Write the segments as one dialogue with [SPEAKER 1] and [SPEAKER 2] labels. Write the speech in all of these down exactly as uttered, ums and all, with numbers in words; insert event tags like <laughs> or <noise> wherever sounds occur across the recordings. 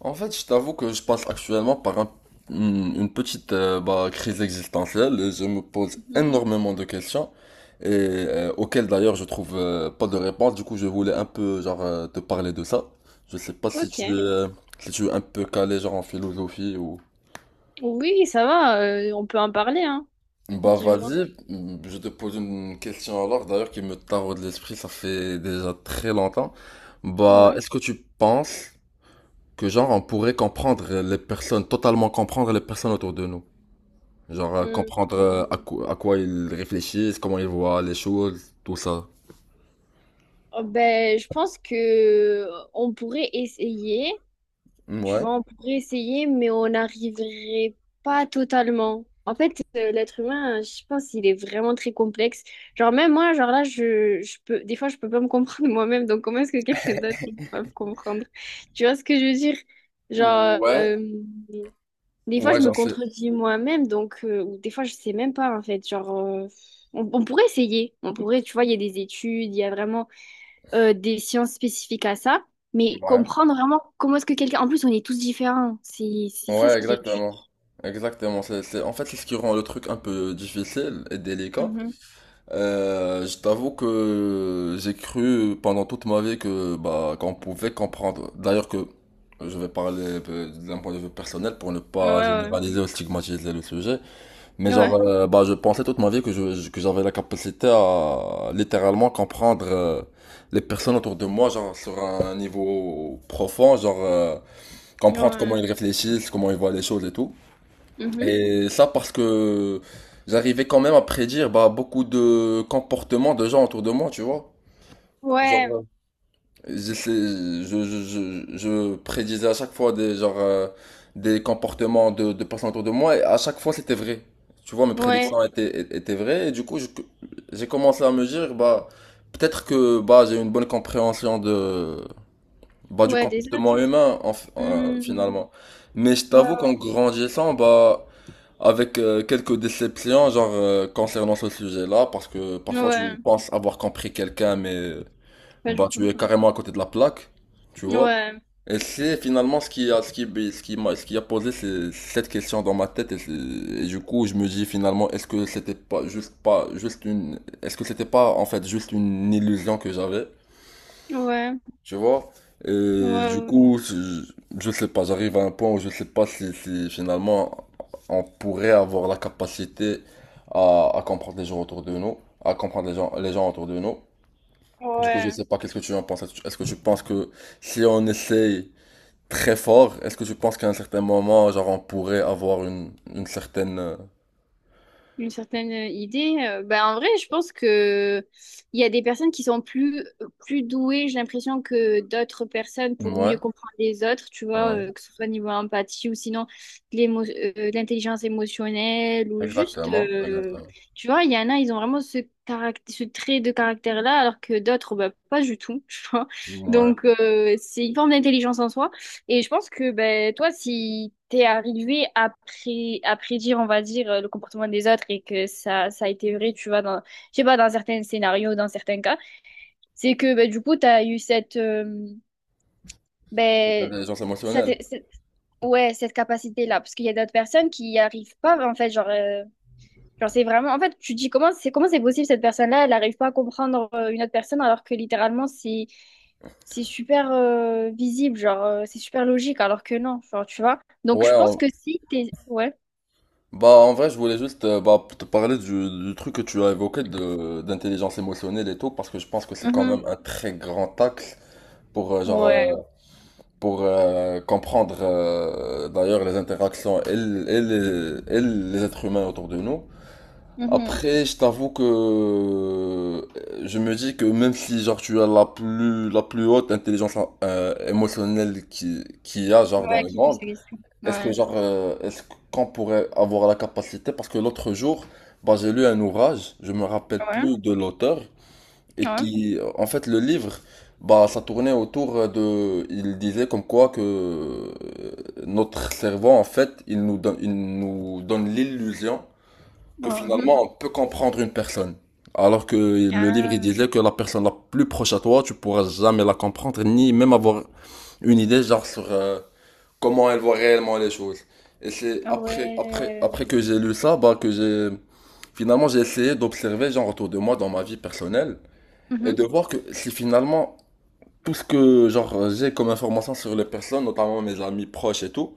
[SPEAKER 1] En fait, je t'avoue que je passe actuellement par un- une une petite euh, bah, crise existentielle et je me pose
[SPEAKER 2] Mhm.
[SPEAKER 1] énormément de questions et euh, auxquelles d'ailleurs je trouve euh, pas de réponse. Du coup, je voulais un peu genre euh, te parler de ça. Je sais pas si
[SPEAKER 2] Ok.
[SPEAKER 1] tu es euh, si tu es un peu calé genre en philosophie ou
[SPEAKER 2] Oui, ça va, euh, on peut en parler, hein.
[SPEAKER 1] bah
[SPEAKER 2] Dis-moi.
[SPEAKER 1] vas-y, mm, je te pose une question alors d'ailleurs qui me taraude l'esprit, ça fait déjà très longtemps. Bah,
[SPEAKER 2] Ouais.
[SPEAKER 1] est-ce que tu penses que genre on pourrait comprendre les personnes, totalement comprendre les personnes autour de nous? Genre euh,
[SPEAKER 2] Hum,
[SPEAKER 1] comprendre euh,
[SPEAKER 2] hum.
[SPEAKER 1] à quoi, à quoi ils réfléchissent, comment ils voient les choses, tout ça.
[SPEAKER 2] Oh, ben, je pense que euh, on pourrait essayer. Tu
[SPEAKER 1] Ouais.
[SPEAKER 2] vois, on pourrait essayer, mais on n'arriverait pas totalement. En fait, euh, l'être humain, je pense, il est vraiment très complexe. Genre, même moi, genre là, je, je peux, des fois, je peux pas me comprendre <laughs> moi-même. Donc, comment est-ce que quelqu'un d'autre il peut me comprendre? Tu vois ce que je veux dire? Genre,
[SPEAKER 1] Ouais,
[SPEAKER 2] euh, Des fois,
[SPEAKER 1] ouais,
[SPEAKER 2] je me
[SPEAKER 1] j'en sais.
[SPEAKER 2] contredis moi-même, donc, euh, ou des fois, je sais même pas, en fait. Genre, euh, on, on pourrait essayer. On pourrait, tu vois, il y a des études, il y a vraiment euh, des sciences spécifiques à ça, mais
[SPEAKER 1] Ouais.
[SPEAKER 2] comprendre vraiment comment est-ce que quelqu'un. En plus, on est tous différents. C'est, c'est ça ce
[SPEAKER 1] Ouais,
[SPEAKER 2] qui est dur.
[SPEAKER 1] exactement. Exactement. C'est, c'est... En fait, c'est ce qui rend le truc un peu difficile et délicat.
[SPEAKER 2] Mhm.
[SPEAKER 1] Euh, je t'avoue que j'ai cru pendant toute ma vie que bah qu'on pouvait comprendre. D'ailleurs que je vais parler euh, d'un point de vue personnel pour ne
[SPEAKER 2] Ouais,
[SPEAKER 1] pas
[SPEAKER 2] ouais,
[SPEAKER 1] généraliser ou stigmatiser le sujet. Mais genre,
[SPEAKER 2] ouais,
[SPEAKER 1] euh, bah, je pensais toute ma vie que je, que j'avais la capacité à littéralement comprendre euh, les personnes autour de moi, genre sur un niveau profond, genre euh, comprendre comment
[SPEAKER 2] ouais.
[SPEAKER 1] ils réfléchissent, comment ils voient les choses et tout.
[SPEAKER 2] Mhm.
[SPEAKER 1] Et ça parce que j'arrivais quand même à prédire bah, beaucoup de comportements de gens autour de moi, tu vois. Genre,
[SPEAKER 2] Ouais,
[SPEAKER 1] je, sais- je, je, je, je prédisais à chaque fois des, genre, euh, des comportements de, de personnes autour de moi et à chaque fois c'était vrai. Tu vois, mes
[SPEAKER 2] ouais,
[SPEAKER 1] prédictions étaient, é- étaient vraies et du coup, je- j'ai commencé à me dire, bah, peut-être que bah, j'ai une bonne compréhension de, bah, du
[SPEAKER 2] ouais, des autres.
[SPEAKER 1] comportement humain en f- euh,
[SPEAKER 2] Mhm.
[SPEAKER 1] finalement. Mais je
[SPEAKER 2] Ouais,
[SPEAKER 1] t'avoue qu'en grandissant, bah, avec euh, quelques déceptions genre, euh, concernant ce sujet-là, parce que parfois
[SPEAKER 2] ouais,
[SPEAKER 1] tu penses avoir compris quelqu'un, mais.
[SPEAKER 2] pas
[SPEAKER 1] Bah,
[SPEAKER 2] du
[SPEAKER 1] tu
[SPEAKER 2] tout.
[SPEAKER 1] es carrément à côté de la plaque, tu vois.
[SPEAKER 2] Ouais,
[SPEAKER 1] Et c'est finalement ce qui a, ce qui, bah, ce qui m'a, ce qui a posé ces- cette question dans ma tête. Et, c'est- et du coup, je me dis finalement, est-ce que c'était pas juste pas juste une, est-ce que c'était pas en fait juste une illusion que j'avais,
[SPEAKER 2] ouais,
[SPEAKER 1] tu vois?
[SPEAKER 2] ouais,
[SPEAKER 1] Et du
[SPEAKER 2] ouais.
[SPEAKER 1] coup, je, je sais pas, j'arrive à un point où je sais pas si, si finalement on pourrait avoir la capacité à, à comprendre les gens autour de nous, à comprendre les gens, les gens autour de nous. Du coup, je
[SPEAKER 2] Ouais.
[SPEAKER 1] sais pas qu'est-ce que tu en penses. Est-ce que tu est-ce que tu penses que si on essaye très fort, est-ce que tu penses qu'à un certain moment, genre, on pourrait avoir une, une certaine... euh,
[SPEAKER 2] Une certaine euh, idée. Euh, ben, en vrai, je pense que il y a des personnes qui sont plus, euh, plus douées, j'ai l'impression, que d'autres personnes pour
[SPEAKER 1] Ouais,
[SPEAKER 2] mieux comprendre les autres, tu vois,
[SPEAKER 1] ouais,
[SPEAKER 2] euh, que ce soit niveau empathie ou sinon de l'émo- euh, de l'intelligence émotionnelle ou juste,
[SPEAKER 1] exactement,
[SPEAKER 2] euh,
[SPEAKER 1] exactement.
[SPEAKER 2] tu vois, il y en a, ils ont vraiment ce caractère, ce trait de caractère-là, alors que d'autres, bah pas du tout, <laughs> tu vois.
[SPEAKER 1] Ouais,
[SPEAKER 2] Donc, euh, c'est une forme d'intelligence en soi. Et je pense que ben, toi, si t'es arrivé à, pré à prédire, on va dire, euh, le comportement des autres et que ça, ça a été vrai, tu vois, dans, je sais pas, dans certains scénarios, dans certains cas, c'est que ben, du coup, t'as eu cette, euh,
[SPEAKER 1] cette
[SPEAKER 2] ben,
[SPEAKER 1] intelligence
[SPEAKER 2] ça
[SPEAKER 1] émotionnelle.
[SPEAKER 2] t'est- c'est- ouais, cette capacité-là. Parce qu'il y a d'autres personnes qui n'y arrivent pas, en fait, genre, euh, Genre, c'est vraiment. En fait, tu te dis comment c'est comment c'est possible cette personne-là, elle n'arrive pas à comprendre euh, une autre personne alors que littéralement c'est c'est super euh, visible, genre euh, c'est super logique alors que non, genre tu vois. Donc je
[SPEAKER 1] Ouais,
[SPEAKER 2] pense
[SPEAKER 1] en-
[SPEAKER 2] que si t'es ouais,
[SPEAKER 1] bah en vrai, je voulais juste euh, bah, te parler du, du truc que tu as évoqué de d'intelligence émotionnelle et tout, parce que je pense que c'est quand même
[SPEAKER 2] Mhm.
[SPEAKER 1] un très grand axe pour euh, genre euh,
[SPEAKER 2] Ouais,
[SPEAKER 1] pour euh, comprendre euh, d'ailleurs les interactions et, l- et les, et les êtres humains autour de nous.
[SPEAKER 2] Mhm.
[SPEAKER 1] Après, je t'avoue que euh, je me dis que même si genre tu as la plus la plus haute intelligence euh, émotionnelle qui qu'il y a genre dans
[SPEAKER 2] Ouais,
[SPEAKER 1] le
[SPEAKER 2] qu'il
[SPEAKER 1] monde,
[SPEAKER 2] puisse exister,
[SPEAKER 1] est-ce que
[SPEAKER 2] ouais,
[SPEAKER 1] genre euh, est-ce qu'on pourrait avoir la capacité parce que l'autre jour, bah j'ai lu un ouvrage, je me rappelle
[SPEAKER 2] ouais,
[SPEAKER 1] plus de l'auteur, et
[SPEAKER 2] ouais,
[SPEAKER 1] qui, en fait, le livre, bah, ça tournait autour de, il disait comme quoi que euh, notre cerveau, en fait, il nous donne, il nous donne l'illusion que
[SPEAKER 2] Oh, mhm.
[SPEAKER 1] finalement on peut comprendre une personne. Alors que le livre, il
[SPEAKER 2] Ah,
[SPEAKER 1] disait que la personne la plus proche à toi, tu pourras jamais la comprendre, ni même avoir une idée, genre, sur euh, comment elle voit réellement les choses. Et c'est après, après,
[SPEAKER 2] ouais,
[SPEAKER 1] après que j'ai lu ça, bah, que j'ai, finalement, j'ai essayé d'observer, genre, autour de moi, dans ma vie personnelle, et
[SPEAKER 2] Mhm.
[SPEAKER 1] de voir que si finalement tout ce que genre j'ai comme information sur les personnes, notamment mes amis proches et tout,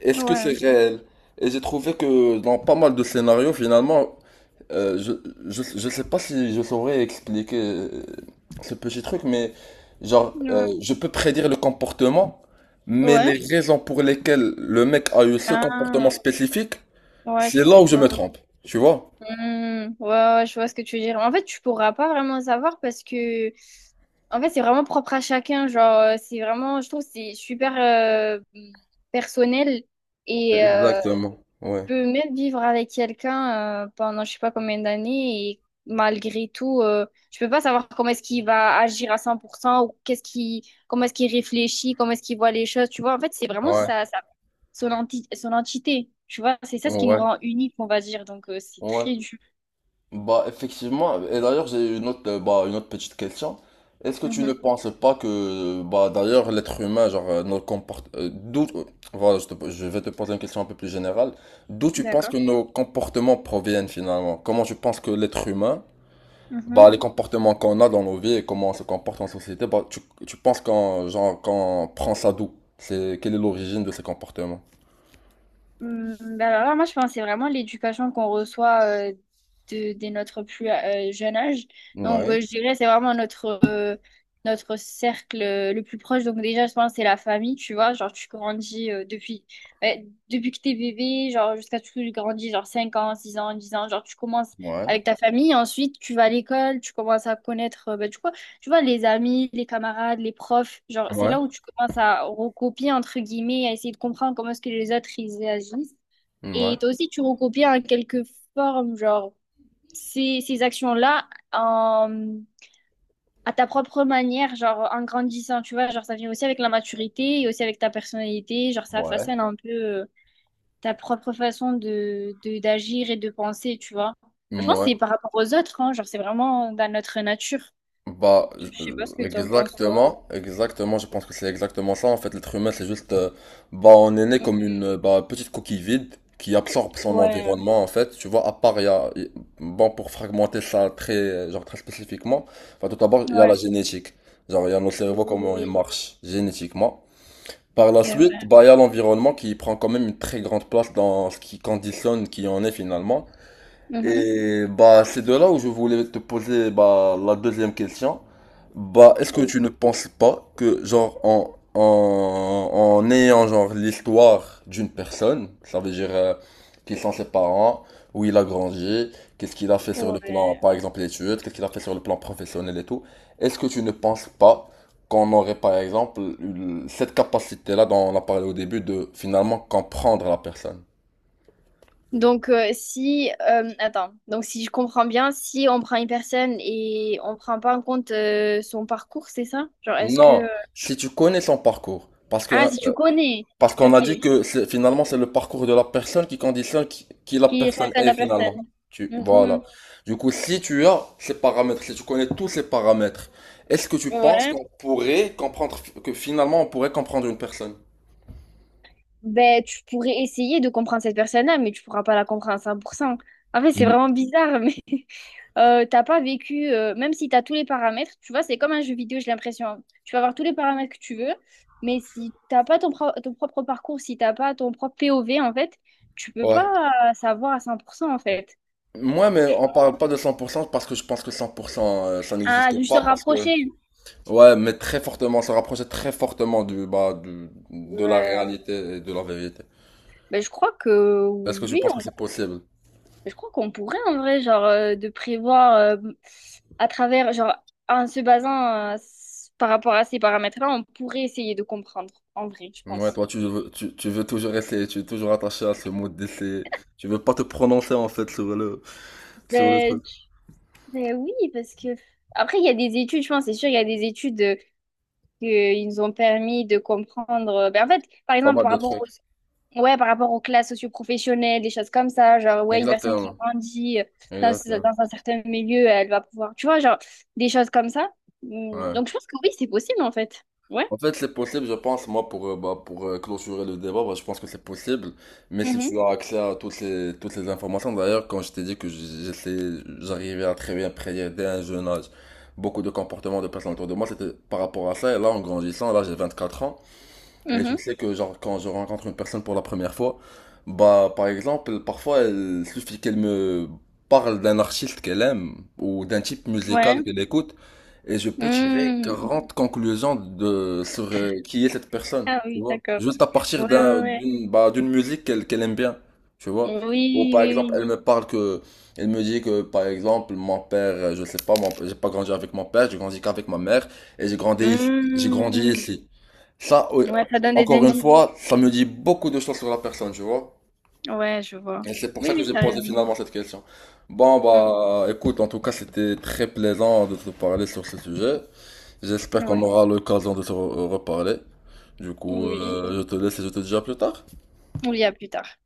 [SPEAKER 1] est-ce que c'est
[SPEAKER 2] Ouais,
[SPEAKER 1] réel? Et j'ai trouvé que dans pas mal de scénarios, finalement, euh, je, je, je sais pas si je saurais expliquer euh, ce petit truc, mais genre,
[SPEAKER 2] ouais,
[SPEAKER 1] euh, je peux prédire le comportement, mais
[SPEAKER 2] ouais,
[SPEAKER 1] les raisons pour lesquelles le mec a eu ce comportement
[SPEAKER 2] ah,
[SPEAKER 1] spécifique,
[SPEAKER 2] ouais,
[SPEAKER 1] c'est
[SPEAKER 2] tu
[SPEAKER 1] là
[SPEAKER 2] peux
[SPEAKER 1] où je me
[SPEAKER 2] pas.
[SPEAKER 1] trompe, tu vois?
[SPEAKER 2] Hmm, ouais, ouais, je vois ce que tu veux dire. En fait, tu pourras pas vraiment savoir parce que En fait, c'est vraiment propre à chacun. Genre, euh, c'est vraiment, je trouve, que c'est super euh, personnel et euh,
[SPEAKER 1] Exactement,
[SPEAKER 2] tu
[SPEAKER 1] ouais,
[SPEAKER 2] peux même vivre avec quelqu'un euh, pendant je sais pas combien d'années et malgré tout, euh, tu peux pas savoir comment est-ce qu'il va agir à cent pour cent ou qu'est-ce qui, comment est-ce qu'il réfléchit, comment est-ce qu'il voit les choses. Tu vois, en fait, c'est vraiment
[SPEAKER 1] ouais,
[SPEAKER 2] ça, ça, son enti- son entité. Tu vois, c'est ça ce qui nous
[SPEAKER 1] ouais,
[SPEAKER 2] rend unique, on va dire. Donc, euh, c'est
[SPEAKER 1] ouais.
[SPEAKER 2] très dur.
[SPEAKER 1] Bah effectivement, et d'ailleurs j'ai une autre euh, bah une autre petite question. Est-ce que tu ne
[SPEAKER 2] Mhm.
[SPEAKER 1] penses pas que euh, bah d'ailleurs l'être humain genre euh, nos comport- euh, d'où euh, voilà, je te- je vais te poser une question un peu plus générale. D'où tu penses que
[SPEAKER 2] D'accord.
[SPEAKER 1] nos comportements proviennent finalement? Comment tu penses que l'être humain bah les comportements qu'on a dans nos vies et comment on se comporte en société, bah tu tu penses qu'on genre qu'on prend ça d'où? C'est quelle est l'origine de ces comportements?
[SPEAKER 2] Hum, ben alors là, moi, je pense que c'est vraiment l'éducation qu'on reçoit euh, de, dès notre plus euh, jeune âge. Donc,
[SPEAKER 1] Ouais,
[SPEAKER 2] euh, je dirais c'est vraiment notre, euh, notre cercle euh, le plus proche. Donc, déjà, je pense que c'est la famille, tu vois. Genre, tu grandis euh, depuis, ouais, depuis que t'es bébé, genre, jusqu'à ce que tu grandis, genre cinq ans, six ans, dix ans. Genre, tu commences
[SPEAKER 1] ouais,
[SPEAKER 2] avec ta famille. Ensuite, tu vas à l'école, tu commences à connaître, euh, ben, du coup, tu vois, les amis, les camarades, les profs, genre, c'est
[SPEAKER 1] ouais,
[SPEAKER 2] là où tu commences à recopier, entre guillemets, à essayer de comprendre comment est-ce que les autres, ils agissent. Et
[SPEAKER 1] ouais,
[SPEAKER 2] toi aussi, tu recopies en quelque forme, genre, ces, ces actions-là en- à ta propre manière, genre, en grandissant, tu vois, genre, ça vient aussi avec la maturité et aussi avec ta personnalité, genre, ça
[SPEAKER 1] ouais,
[SPEAKER 2] façonne un peu euh, ta propre façon de, de, d'agir et de penser, tu vois. Je pense que
[SPEAKER 1] ouais.
[SPEAKER 2] c'est par rapport aux autres, hein, genre, c'est vraiment dans notre nature.
[SPEAKER 1] Bah,
[SPEAKER 2] Je sais pas ce que
[SPEAKER 1] je-
[SPEAKER 2] tu en penses, toi.
[SPEAKER 1] exactement, exactement, je pense que c'est exactement ça. En fait, l'être humain, c'est juste, euh, bah, on est né comme une euh, bah, petite coquille vide qui absorbe son
[SPEAKER 2] Ouais,
[SPEAKER 1] environnement, en fait. Tu vois, à part, il y a, il- bon, pour fragmenter ça très, euh, genre, très spécifiquement, enfin, tout d'abord, il y a la
[SPEAKER 2] ouais,
[SPEAKER 1] génétique. Genre, il y a nos cerveaux, comment ils
[SPEAKER 2] oui,
[SPEAKER 1] marchent génétiquement. Par la
[SPEAKER 2] c'est
[SPEAKER 1] suite,
[SPEAKER 2] vrai.
[SPEAKER 1] bah, il y a l'environnement qui prend quand même une très grande place dans ce qui conditionne qui on est finalement.
[SPEAKER 2] Mhm.
[SPEAKER 1] Et bah, c'est de là où je voulais te poser bah, la deuxième question. Bah, est-ce que tu ne
[SPEAKER 2] Oui.
[SPEAKER 1] penses pas que, genre, en, en, en ayant, genre, l'histoire d'une personne, ça veut dire euh, qui sont ses parents, où il a grandi, qu'est-ce qu'il a fait sur le plan,
[SPEAKER 2] Ouais.
[SPEAKER 1] par exemple, études, qu'est-ce qu'il a fait sur le plan professionnel et tout, est-ce que tu ne penses pas qu'on aurait, par exemple, eu cette capacité-là dont on a parlé au début de finalement comprendre la personne?
[SPEAKER 2] Donc, euh, si, euh, attends, donc si je comprends bien, si on prend une personne et on prend pas en compte euh, son parcours, c'est ça? Genre, est-ce que... euh,
[SPEAKER 1] Non, si tu connais son parcours, parce que
[SPEAKER 2] Ah,
[SPEAKER 1] hein.
[SPEAKER 2] si tu connais,
[SPEAKER 1] Parce qu'on
[SPEAKER 2] ok,
[SPEAKER 1] a dit
[SPEAKER 2] qui
[SPEAKER 1] que c'est- finalement, c'est le parcours de la personne qui conditionne qui, qui la
[SPEAKER 2] est
[SPEAKER 1] personne
[SPEAKER 2] face à
[SPEAKER 1] est
[SPEAKER 2] la
[SPEAKER 1] finalement.
[SPEAKER 2] personne.
[SPEAKER 1] Tu, voilà.
[SPEAKER 2] Mhm.
[SPEAKER 1] Du coup, si tu as ces paramètres, si tu connais tous ces paramètres, est-ce que tu penses
[SPEAKER 2] Ouais,
[SPEAKER 1] qu'on pourrait comprendre, que finalement, on pourrait comprendre une personne?
[SPEAKER 2] ben tu pourrais essayer de comprendre cette personne-là, mais tu pourras pas la comprendre à cent pour cent. En fait, c'est
[SPEAKER 1] Mm.
[SPEAKER 2] vraiment bizarre, <laughs> mais... euh, t'as pas vécu, euh, même si t'as tous les paramètres, tu vois, c'est comme un jeu vidéo, j'ai l'impression. Hein. Tu vas avoir tous les paramètres que tu veux, mais si t'as pas ton, pro- ton propre parcours, si t'as pas ton propre P O V, en fait, tu peux
[SPEAKER 1] Ouais.
[SPEAKER 2] pas savoir à cent pour cent, en fait.
[SPEAKER 1] Moi, mais on parle pas de cent pour cent parce que je pense que cent pour cent euh, ça
[SPEAKER 2] Ah,
[SPEAKER 1] n'existe
[SPEAKER 2] juste se
[SPEAKER 1] pas parce que
[SPEAKER 2] rapprocher.
[SPEAKER 1] ouais, mais très fortement, se rapprocher très fortement du bah du- de la
[SPEAKER 2] Euh,
[SPEAKER 1] réalité et de la vérité.
[SPEAKER 2] ben, je crois que
[SPEAKER 1] Est-ce que tu
[SPEAKER 2] oui,
[SPEAKER 1] penses que
[SPEAKER 2] on-
[SPEAKER 1] c'est possible?
[SPEAKER 2] je crois qu'on pourrait en vrai, genre, euh, de prévoir euh, à travers, genre, en se basant euh, s- par rapport à ces paramètres-là, on pourrait essayer de comprendre, en vrai, je
[SPEAKER 1] Ouais,
[SPEAKER 2] pense.
[SPEAKER 1] toi, tu veux, tu, tu veux toujours essayer, tu es toujours attaché à ce mot d'essayer. Tu veux pas te prononcer, en fait, sur le, sur le,
[SPEAKER 2] Ben,
[SPEAKER 1] truc.
[SPEAKER 2] Ben oui, parce que après, il y a des études, je pense, c'est sûr, il y a des études euh, que ils nous ont permis de comprendre. Euh, ben, en fait, par
[SPEAKER 1] Pas
[SPEAKER 2] exemple,
[SPEAKER 1] mal
[SPEAKER 2] par
[SPEAKER 1] de
[SPEAKER 2] rapport
[SPEAKER 1] trucs.
[SPEAKER 2] aux, ouais, par rapport aux classes socioprofessionnelles, des choses comme ça, genre, ouais, une personne qui
[SPEAKER 1] Exactement.
[SPEAKER 2] grandit euh, dans, ce-
[SPEAKER 1] Exactement.
[SPEAKER 2] dans un certain milieu, elle va pouvoir, tu vois, genre, des choses comme ça. Mm,
[SPEAKER 1] Ouais.
[SPEAKER 2] donc, je pense que oui, c'est possible, en fait. Ouais.
[SPEAKER 1] En fait, c'est possible, je pense, moi, pour, euh, bah, pour euh, clôturer le débat, bah, je pense que c'est possible. Mais si
[SPEAKER 2] Mhm.
[SPEAKER 1] tu as accès à toutes ces, toutes ces informations, d'ailleurs, quand je t'ai dit que j'essayais, j'arrivais à très bien prédire dès un jeune âge beaucoup de comportements de personnes autour de moi, c'était par rapport à ça. Et là, en grandissant, là, j'ai vingt-quatre ans. Et je
[SPEAKER 2] Mhm.
[SPEAKER 1] sais que genre quand je rencontre une personne pour la première fois, bah par exemple, parfois il suffit qu'elle me parle d'un artiste qu'elle aime ou d'un type musical
[SPEAKER 2] Ouais.
[SPEAKER 1] qu'elle écoute et je peux tirer
[SPEAKER 2] Mm.
[SPEAKER 1] quarante conclusions de sur euh, qui est cette personne,
[SPEAKER 2] Ah
[SPEAKER 1] tu
[SPEAKER 2] oui,
[SPEAKER 1] vois.
[SPEAKER 2] d'accord.
[SPEAKER 1] Juste à partir
[SPEAKER 2] Ouais, ouais,
[SPEAKER 1] d'un
[SPEAKER 2] ouais.
[SPEAKER 1] d'une bah, d'une musique qu'elle qu'elle aime bien, tu vois. Ou
[SPEAKER 2] Oui,
[SPEAKER 1] par exemple,
[SPEAKER 2] oui,
[SPEAKER 1] elle me parle que elle me dit que par exemple, mon père, euh, je sais pas, mon- j'ai pas grandi avec mon père, j'ai grandi qu'avec ma mère et j'ai grandi ici- j'ai
[SPEAKER 2] oui.
[SPEAKER 1] grandi
[SPEAKER 2] Mm.
[SPEAKER 1] ici. Ça, oui,
[SPEAKER 2] Ouais, ça donne des
[SPEAKER 1] encore une
[SPEAKER 2] indices.
[SPEAKER 1] fois, ça me dit beaucoup de choses sur la personne, tu vois.
[SPEAKER 2] Ouais, je vois.
[SPEAKER 1] Et c'est pour
[SPEAKER 2] Oui,
[SPEAKER 1] ça que
[SPEAKER 2] oui,
[SPEAKER 1] j'ai
[SPEAKER 2] t'as
[SPEAKER 1] posé
[SPEAKER 2] raison.
[SPEAKER 1] finalement cette question. Bon,
[SPEAKER 2] Mm.
[SPEAKER 1] bah, écoute, en tout cas, c'était très plaisant de te parler sur ce sujet. J'espère qu'on
[SPEAKER 2] Ouais,
[SPEAKER 1] aura l'occasion de se re- reparler. Du
[SPEAKER 2] oui,
[SPEAKER 1] coup,
[SPEAKER 2] oui.
[SPEAKER 1] euh, je te laisse et je te dis à plus tard.
[SPEAKER 2] On y a plus tard.